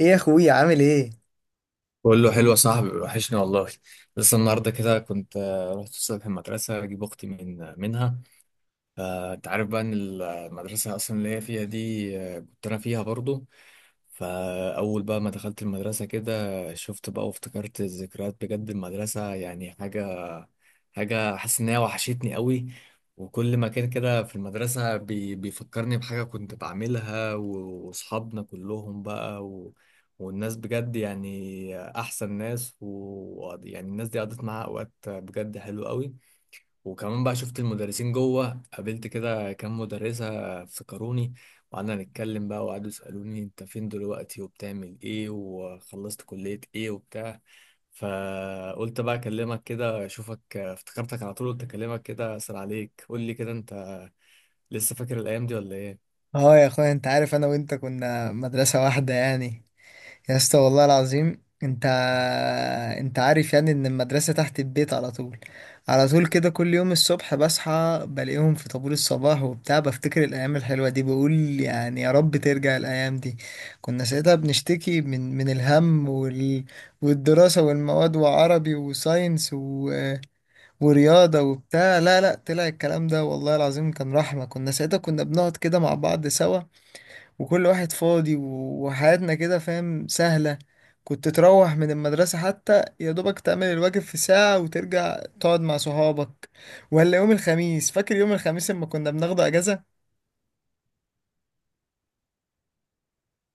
ايه يا اخويا، عامل ايه؟ بقول له حلو يا صاحبي وحشني والله. لسه النهارده كده كنت رحت الصبح المدرسه اجيب اختي منها. فانت عارف بقى ان المدرسه اصلا اللي هي فيها دي كنت انا فيها برضو. فاول بقى ما دخلت المدرسه كده شفت بقى وافتكرت الذكريات بجد المدرسه يعني حاجه. حاسس إن هي وحشتني قوي. وكل مكان كده في المدرسة بيفكرني بحاجة كنت بعملها وأصحابنا كلهم بقى والناس بجد يعني أحسن ناس، ويعني الناس دي قضيت معاها أوقات بجد حلوة قوي. وكمان بقى شفت المدرسين جوه، قابلت كده كام مدرسة افتكروني. وقعدنا نتكلم بقى وقعدوا يسألوني انت فين دلوقتي وبتعمل ايه وخلصت كلية ايه وبتاع. فقلت بقى اكلمك كده اشوفك، افتكرتك على طول قلت اكلمك كده اسأل عليك. قول لي كده انت لسه فاكر الايام دي ولا ايه؟ اه يا اخويا، انت عارف انا وانت كنا مدرسة واحدة يعني. يا اسطى والله العظيم، انت عارف يعني ان المدرسة تحت البيت على طول. على طول كده كل يوم الصبح بصحى بلاقيهم في طابور الصباح وبتاع، بفتكر الايام الحلوة دي بقول يعني يا رب ترجع الايام دي. كنا ساعتها بنشتكي من الهم والدراسة والمواد وعربي وساينس ورياضة وبتاع. لا لا، طلع الكلام ده والله العظيم كان رحمة. كنا ساعتها بنقعد كده مع بعض سوا، وكل واحد فاضي وحياتنا كده فاهم سهلة. كنت تروح من المدرسة حتى يا دوبك تعمل الواجب في ساعة وترجع تقعد مع صحابك. ولا يوم الخميس، فاكر يوم الخميس لما كنا بناخده أجازة؟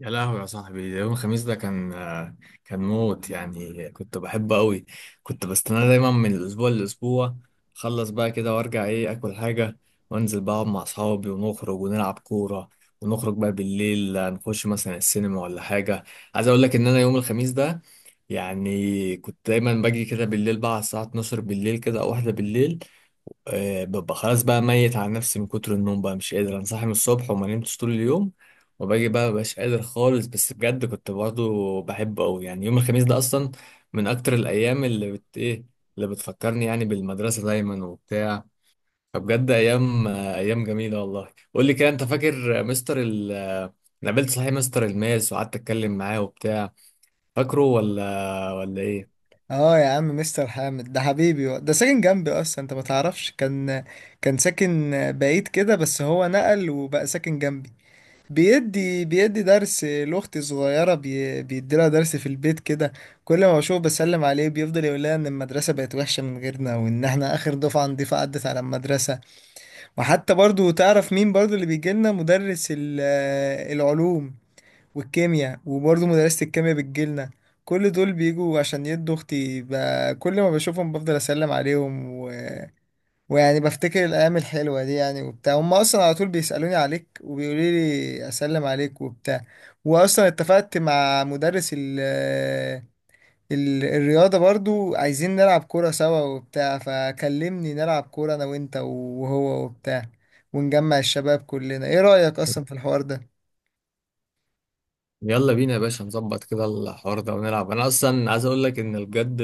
يا لهوي يا صاحبي، ده يوم الخميس ده كان موت يعني، كنت بحبه قوي. كنت بستناه دايما من الاسبوع للاسبوع. اخلص بقى كده وارجع ايه، اكل حاجه وانزل بقى اقعد مع اصحابي ونخرج ونلعب كوره. ونخرج بقى بالليل نخش مثلا السينما ولا حاجه. عايز اقول لك ان انا يوم الخميس ده يعني كنت دايما باجي كده بالليل بقى على الساعه 12 بالليل كده او واحده بالليل. ببقى خلاص بقى ميت على نفسي من كتر النوم بقى، مش قادر، انا صاحي من الصبح وما نمتش طول اليوم. وباجي بقى مبقاش قادر خالص، بس بجد كنت برضه بحبه قوي يعني. يوم الخميس ده اصلا من اكتر الايام اللي بت ايه اللي بتفكرني يعني بالمدرسه دايما وبتاع. فبجد ايام ايام جميله والله. قول لي كده انت فاكر مستر ال آه، أنا قابلت صحيح مستر الماس وقعدت اتكلم معاه وبتاع. فاكره ولا ايه؟ اه يا عم، مستر حامد ده حبيبي، ده ساكن جنبي اصلا، انت ما تعرفش. كان ساكن بعيد كده، بس هو نقل وبقى ساكن جنبي. بيدي درس لاختي الصغيره، بيدي لها درس في البيت كده. كل ما بشوفه بسلم عليه، بيفضل يقول لها ان المدرسه بقت وحشه من غيرنا، وان احنا اخر دفعه نضيفه عدت على المدرسه. وحتى برضو تعرف مين برضو اللي بيجي لنا؟ مدرس العلوم والكيمياء، وبرضو مدرسه الكيمياء بتجيلنا. كل دول بيجوا عشان يدوا اختي كل ما بشوفهم بفضل اسلم عليهم، ويعني بفتكر الأيام الحلوة دي يعني وبتاع. هم أصلا على طول بيسألوني عليك وبيقولوا لي أسلم عليك وبتاع. وأصلا اتفقت مع مدرس ال الرياضة، برضو عايزين نلعب كورة سوا وبتاع. فكلمني نلعب كورة أنا وأنت وهو وبتاع، ونجمع الشباب كلنا. إيه رأيك أصلا في الحوار ده؟ يلا بينا يا باشا نظبط كده الحوار ده ونلعب. انا اصلا عايز اقول لك ان بجد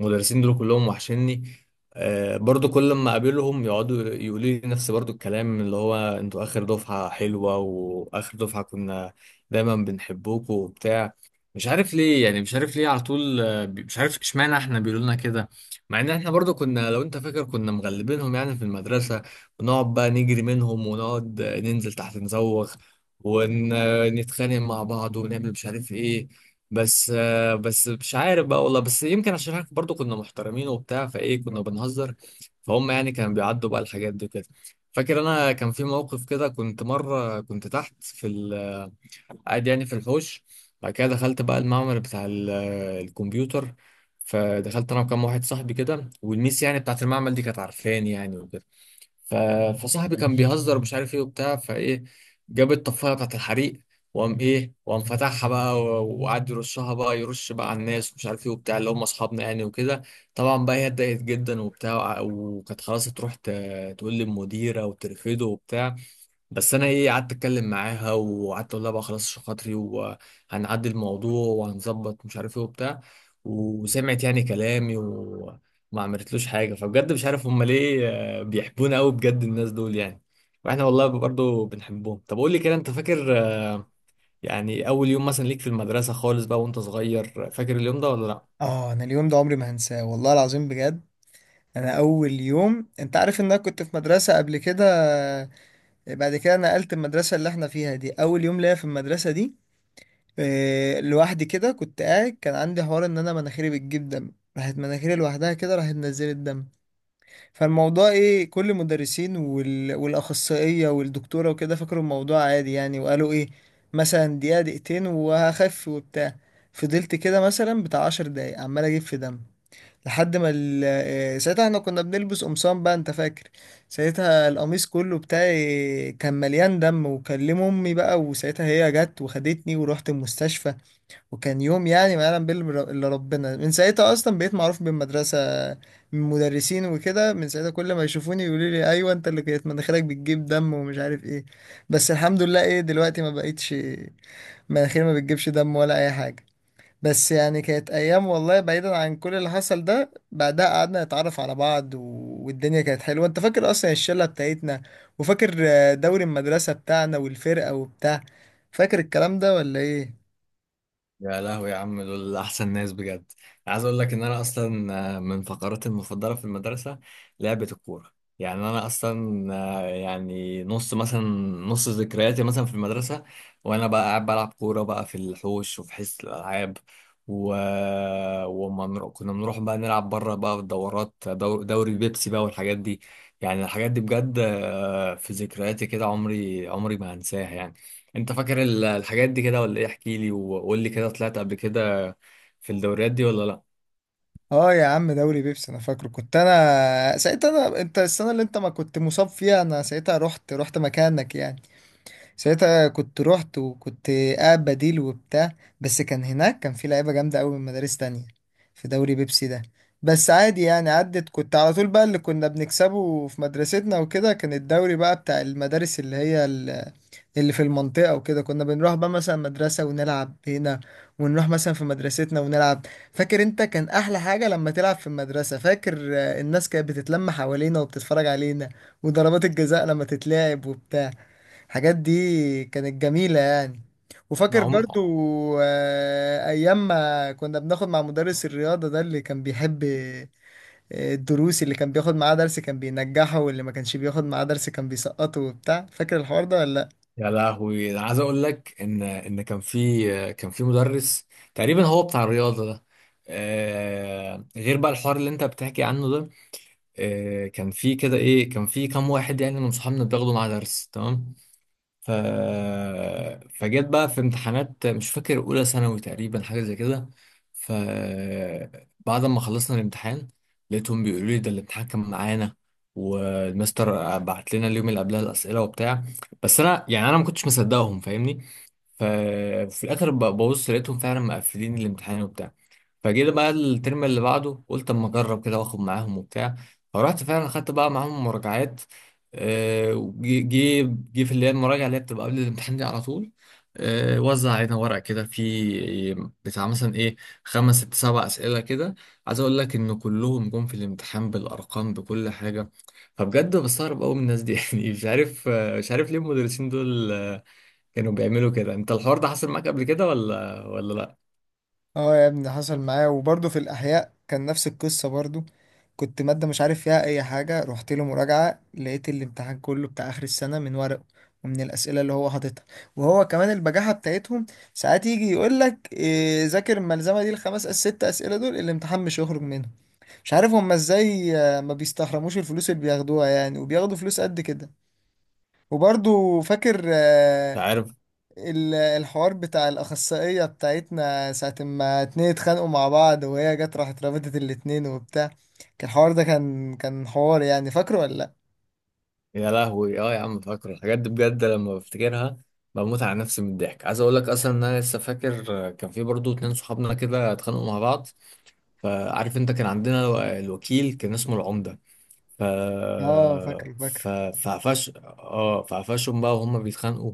المدرسين دول كلهم وحشني. برضو كل ما اقابلهم يقعدوا يقولوا لي نفس برضو الكلام، اللي هو انتوا اخر دفعة حلوة واخر دفعة كنا دايما بنحبوكوا وبتاع. مش عارف ليه يعني، مش عارف ليه على طول مش عارف اشمعنى احنا بيقولوا لنا كده. مع ان احنا برضو كنا، لو انت فاكر، كنا مغلبينهم يعني في المدرسة. ونقعد بقى نجري منهم ونقعد ننزل تحت نزوغ ون... نتخانق مع بعض ونعمل مش عارف ايه. بس مش عارف بقى والله، بس يمكن عشان احنا برضو كنا محترمين وبتاع فايه، كنا بنهزر فهم يعني، كانوا بيعدوا بقى الحاجات دي كده. فاكر انا كان في موقف كده، كنت مره كنت تحت في قاعد يعني في الحوش. بعد كده دخلت بقى المعمل بتاع الكمبيوتر. فدخلت انا وكام واحد صاحبي كده، والميس يعني بتاعت المعمل دي كانت عارفاني يعني وكده. ف... فصاحبي كان بيهزر ومش عارف ايه وبتاع، فايه جاب الطفايه بتاعت الحريق. وقام ايه، وقام فتحها بقى وقعد يرشها بقى، يرش بقى على الناس ومش عارف ايه وبتاع، اللي هم اصحابنا يعني وكده. طبعا بقى هي اتضايقت جدا وبتاع وكانت خلاص تروح تقول للمديره وترفضه وبتاع. بس انا ايه، قعدت اتكلم معاها وقعدت اقول لها بقى خلاص عشان خاطري، وهنعدي الموضوع وهنظبط مش عارف ايه وبتاع. وسمعت يعني كلامي وما عملتلوش حاجه. فبجد مش عارف هم ليه بيحبونا قوي بجد الناس دول يعني. واحنا والله برضه بنحبهم. طب قول لي كده انت فاكر يعني اول يوم مثلا ليك في المدرسه خالص بقى وانت صغير، فاكر اليوم ده ولا لا؟ أنا اليوم ده عمري ما هنساه والله العظيم بجد. أنا أول يوم، أنت عارف إن أنا كنت في مدرسة قبل كده، بعد كده نقلت المدرسة اللي احنا فيها دي. أول يوم ليا في المدرسة دي، لوحدي كده كنت قاعد. كان عندي حوار ان انا مناخيري بتجيب دم، راحت مناخيري لوحدها كده راحت نزلت دم. فالموضوع ايه، كل المدرسين والاخصائيه والدكتوره وكده فكروا الموضوع عادي يعني، وقالوا ايه مثلا دقيقه دقيقتين وهخف وبتاع. فضلت كده مثلا بتاع 10 دقايق عمال اجيب في دم، لحد ما ال... آه، ساعتها احنا كنا بنلبس قمصان بقى انت فاكر. ساعتها القميص كله بتاعي كان مليان دم، وكلم امي بقى، وساعتها هي جت وخدتني ورحت المستشفى. وكان يوم يعني ما يعلم الا ربنا. من ساعتها اصلا بقيت معروف بالمدرسه من مدرسين وكده. من ساعتها كل ما يشوفوني يقولوا لي ايوه انت اللي كانت مناخيرك بتجيب دم ومش عارف ايه. بس الحمد لله ايه دلوقتي ما بقيتش، مناخيري ما بتجيبش دم ولا اي حاجه. بس يعني كانت ايام والله. بعيدا عن كل اللي حصل ده، بعدها قعدنا نتعرف على بعض والدنيا كانت حلوه. انت فاكر اصلا الشله بتاعتنا، وفاكر دوري المدرسه بتاعنا والفرقه وبتاع؟ فاكر الكلام ده ولا ايه؟ يا لهوي يا عم، دول احسن ناس بجد. عايز اقول لك ان انا اصلا من فقراتي المفضله في المدرسه لعبه الكوره. يعني انا اصلا يعني نص ذكرياتي مثلا في المدرسه، وانا بقى قاعد بلعب كوره بقى في الحوش وفي حصه الالعاب. و... كنا بنروح بقى نلعب بره بقى في الدورات، دوري بيبسي بقى والحاجات دي. يعني الحاجات دي بجد في ذكرياتي كده، عمري ما هنساها يعني. انت فاكر الحاجات دي كده ولا ايه؟ احكي لي وقول لي كده، طلعت قبل كده في الدوريات دي ولا لا؟ اه يا عم، دوري بيبسي انا فاكره. كنت انا ساعتها، انت السنه اللي انت ما كنت مصاب فيها انا ساعتها رحت مكانك يعني. ساعتها كنت رحت، وكنت قاعد بديل وبتاع. بس كان هناك، في لعيبه جامده قوي من مدارس تانية في دوري بيبسي ده. بس عادي يعني عدت، كنت على طول بقى اللي كنا بنكسبه في مدرستنا وكده. كان الدوري بقى بتاع المدارس اللي في المنطقة وكده. كنا بنروح بقى مثلا مدرسة ونلعب هنا، ونروح مثلا في مدرستنا ونلعب. فاكر انت كان احلى حاجة لما تلعب في المدرسة؟ فاكر الناس كانت بتتلم حوالينا وبتتفرج علينا، وضربات الجزاء لما تتلعب وبتاع. الحاجات دي كانت جميلة يعني. ما وفاكر هم. برضو ايام ما كنا بناخد مع مدرس الرياضة ده اللي كان بيحب الدروس؟ اللي كان بياخد معاه درس كان بينجحه، واللي ما كانش بياخد معاه درس كان بيسقطه وبتاع. فاكر الحوار ده ولا لأ؟ يا لهوي انا عايز اقول لك ان كان في مدرس تقريبا هو بتاع الرياضه ده، آه، غير بقى الحوار اللي انت بتحكي عنه ده. كان في كام واحد يعني من صحابنا بتاخده مع درس تمام. ف... فجيت بقى في امتحانات، مش فاكر اولى ثانوي تقريبا حاجه زي كده. ف بعد ما خلصنا الامتحان لقيتهم بيقولوا لي ده الامتحان كان معانا، والمستر بعت لنا اليوم اللي قبلها الاسئله وبتاع. بس انا يعني، انا ما كنتش مصدقهم فاهمني. ففي الاخر ببص لقيتهم فعلا مقفلين الامتحان وبتاع. فجيت بقى الترم اللي بعده قلت اما اجرب كده واخد معاهم وبتاع. فرحت فعلا خدت بقى معاهم مراجعات. وجي جي جي في اللي هي المراجعه، اللي هي بتبقى قبل الامتحان دي على طول، وزع علينا ورق كده في، بتاع مثلا ايه، خمس ست سبع اسئله كده. عايز اقول لك ان كلهم جم في الامتحان بالارقام بكل حاجه. فبجد بستغرب قوي من الناس دي يعني مش عارف مش عارف ليه المدرسين دول كانوا بيعملوا كده. انت الحوار ده حصل معاك قبل كده ولا اه يا ابني حصل معايا. وبرضه في الأحياء كان نفس القصة برضه. كنت مادة مش عارف فيها أي حاجة، رحت له مراجعة لقيت الامتحان كله بتاع آخر السنة من ورقه ومن الأسئلة اللي هو حاططها. وهو كمان البجاحة بتاعتهم، ساعات يجي يقول لك إيه ذاكر الملزمة دي، الخمس ست أسئلة دول الامتحان مش هيخرج منهم. مش عارف هما ازاي ما بيستحرموش الفلوس اللي بياخدوها يعني، وبياخدوا فلوس قد كده. وبرضه فاكر لا؟ الحوار بتاع الأخصائية بتاعتنا ساعة ما اتنين اتخانقوا مع بعض وهي جت راحت رابطت الاتنين وبتاع؟ كان الحوار ده كان حوار يعني. فاكره ولا لأ؟ يا لهوي، اه يا عم، فاكره الحاجات دي بجد، لما بفتكرها بموت على نفسي من الضحك. عايز اقول لك اصلا ان انا لسه فاكر كان في برضو اتنين صحابنا كده اتخانقوا مع بعض. فعارف انت كان عندنا الوكيل كان اسمه العمدة. ف اه فاكره فاكره. ف فعفش اه فعفشهم بقى وهم بيتخانقوا.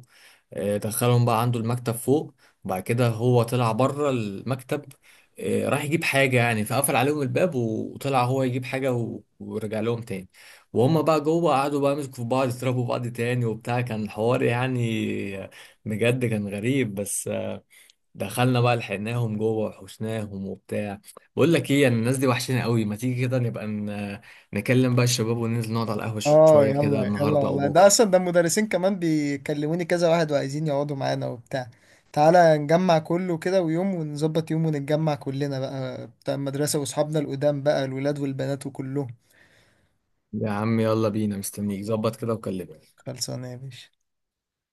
دخلهم بقى عنده المكتب فوق. وبعد كده هو طلع بره المكتب، راح يجيب حاجة يعني، فقفل عليهم الباب وطلع هو يجيب حاجة ورجع لهم تاني. وهم بقى جوه قعدوا بقى يمسكوا في بعض، يضربوا بعض تاني وبتاع، كان حوار يعني بجد كان غريب. بس دخلنا بقى لحقناهم جوه وحشناهم وبتاع. بقول لك ايه، يعني الناس دي وحشنا قوي، ما تيجي كده نبقى نكلم بقى الشباب وننزل نقعد على القهوة اه شوية كده يلا يلا النهاردة او والله. ده بكرة. أصلا ده المدرسين كمان بيكلموني كذا واحد وعايزين يقعدوا معانا وبتاع. تعالى نجمع كله كده، ونظبط يوم ونتجمع كلنا بقى بتاع المدرسة وأصحابنا القدام بقى الولاد والبنات وكلهم. يا عم يلا بينا، مستنيك ظبط كده وكلمني. خلصانة يا باشا.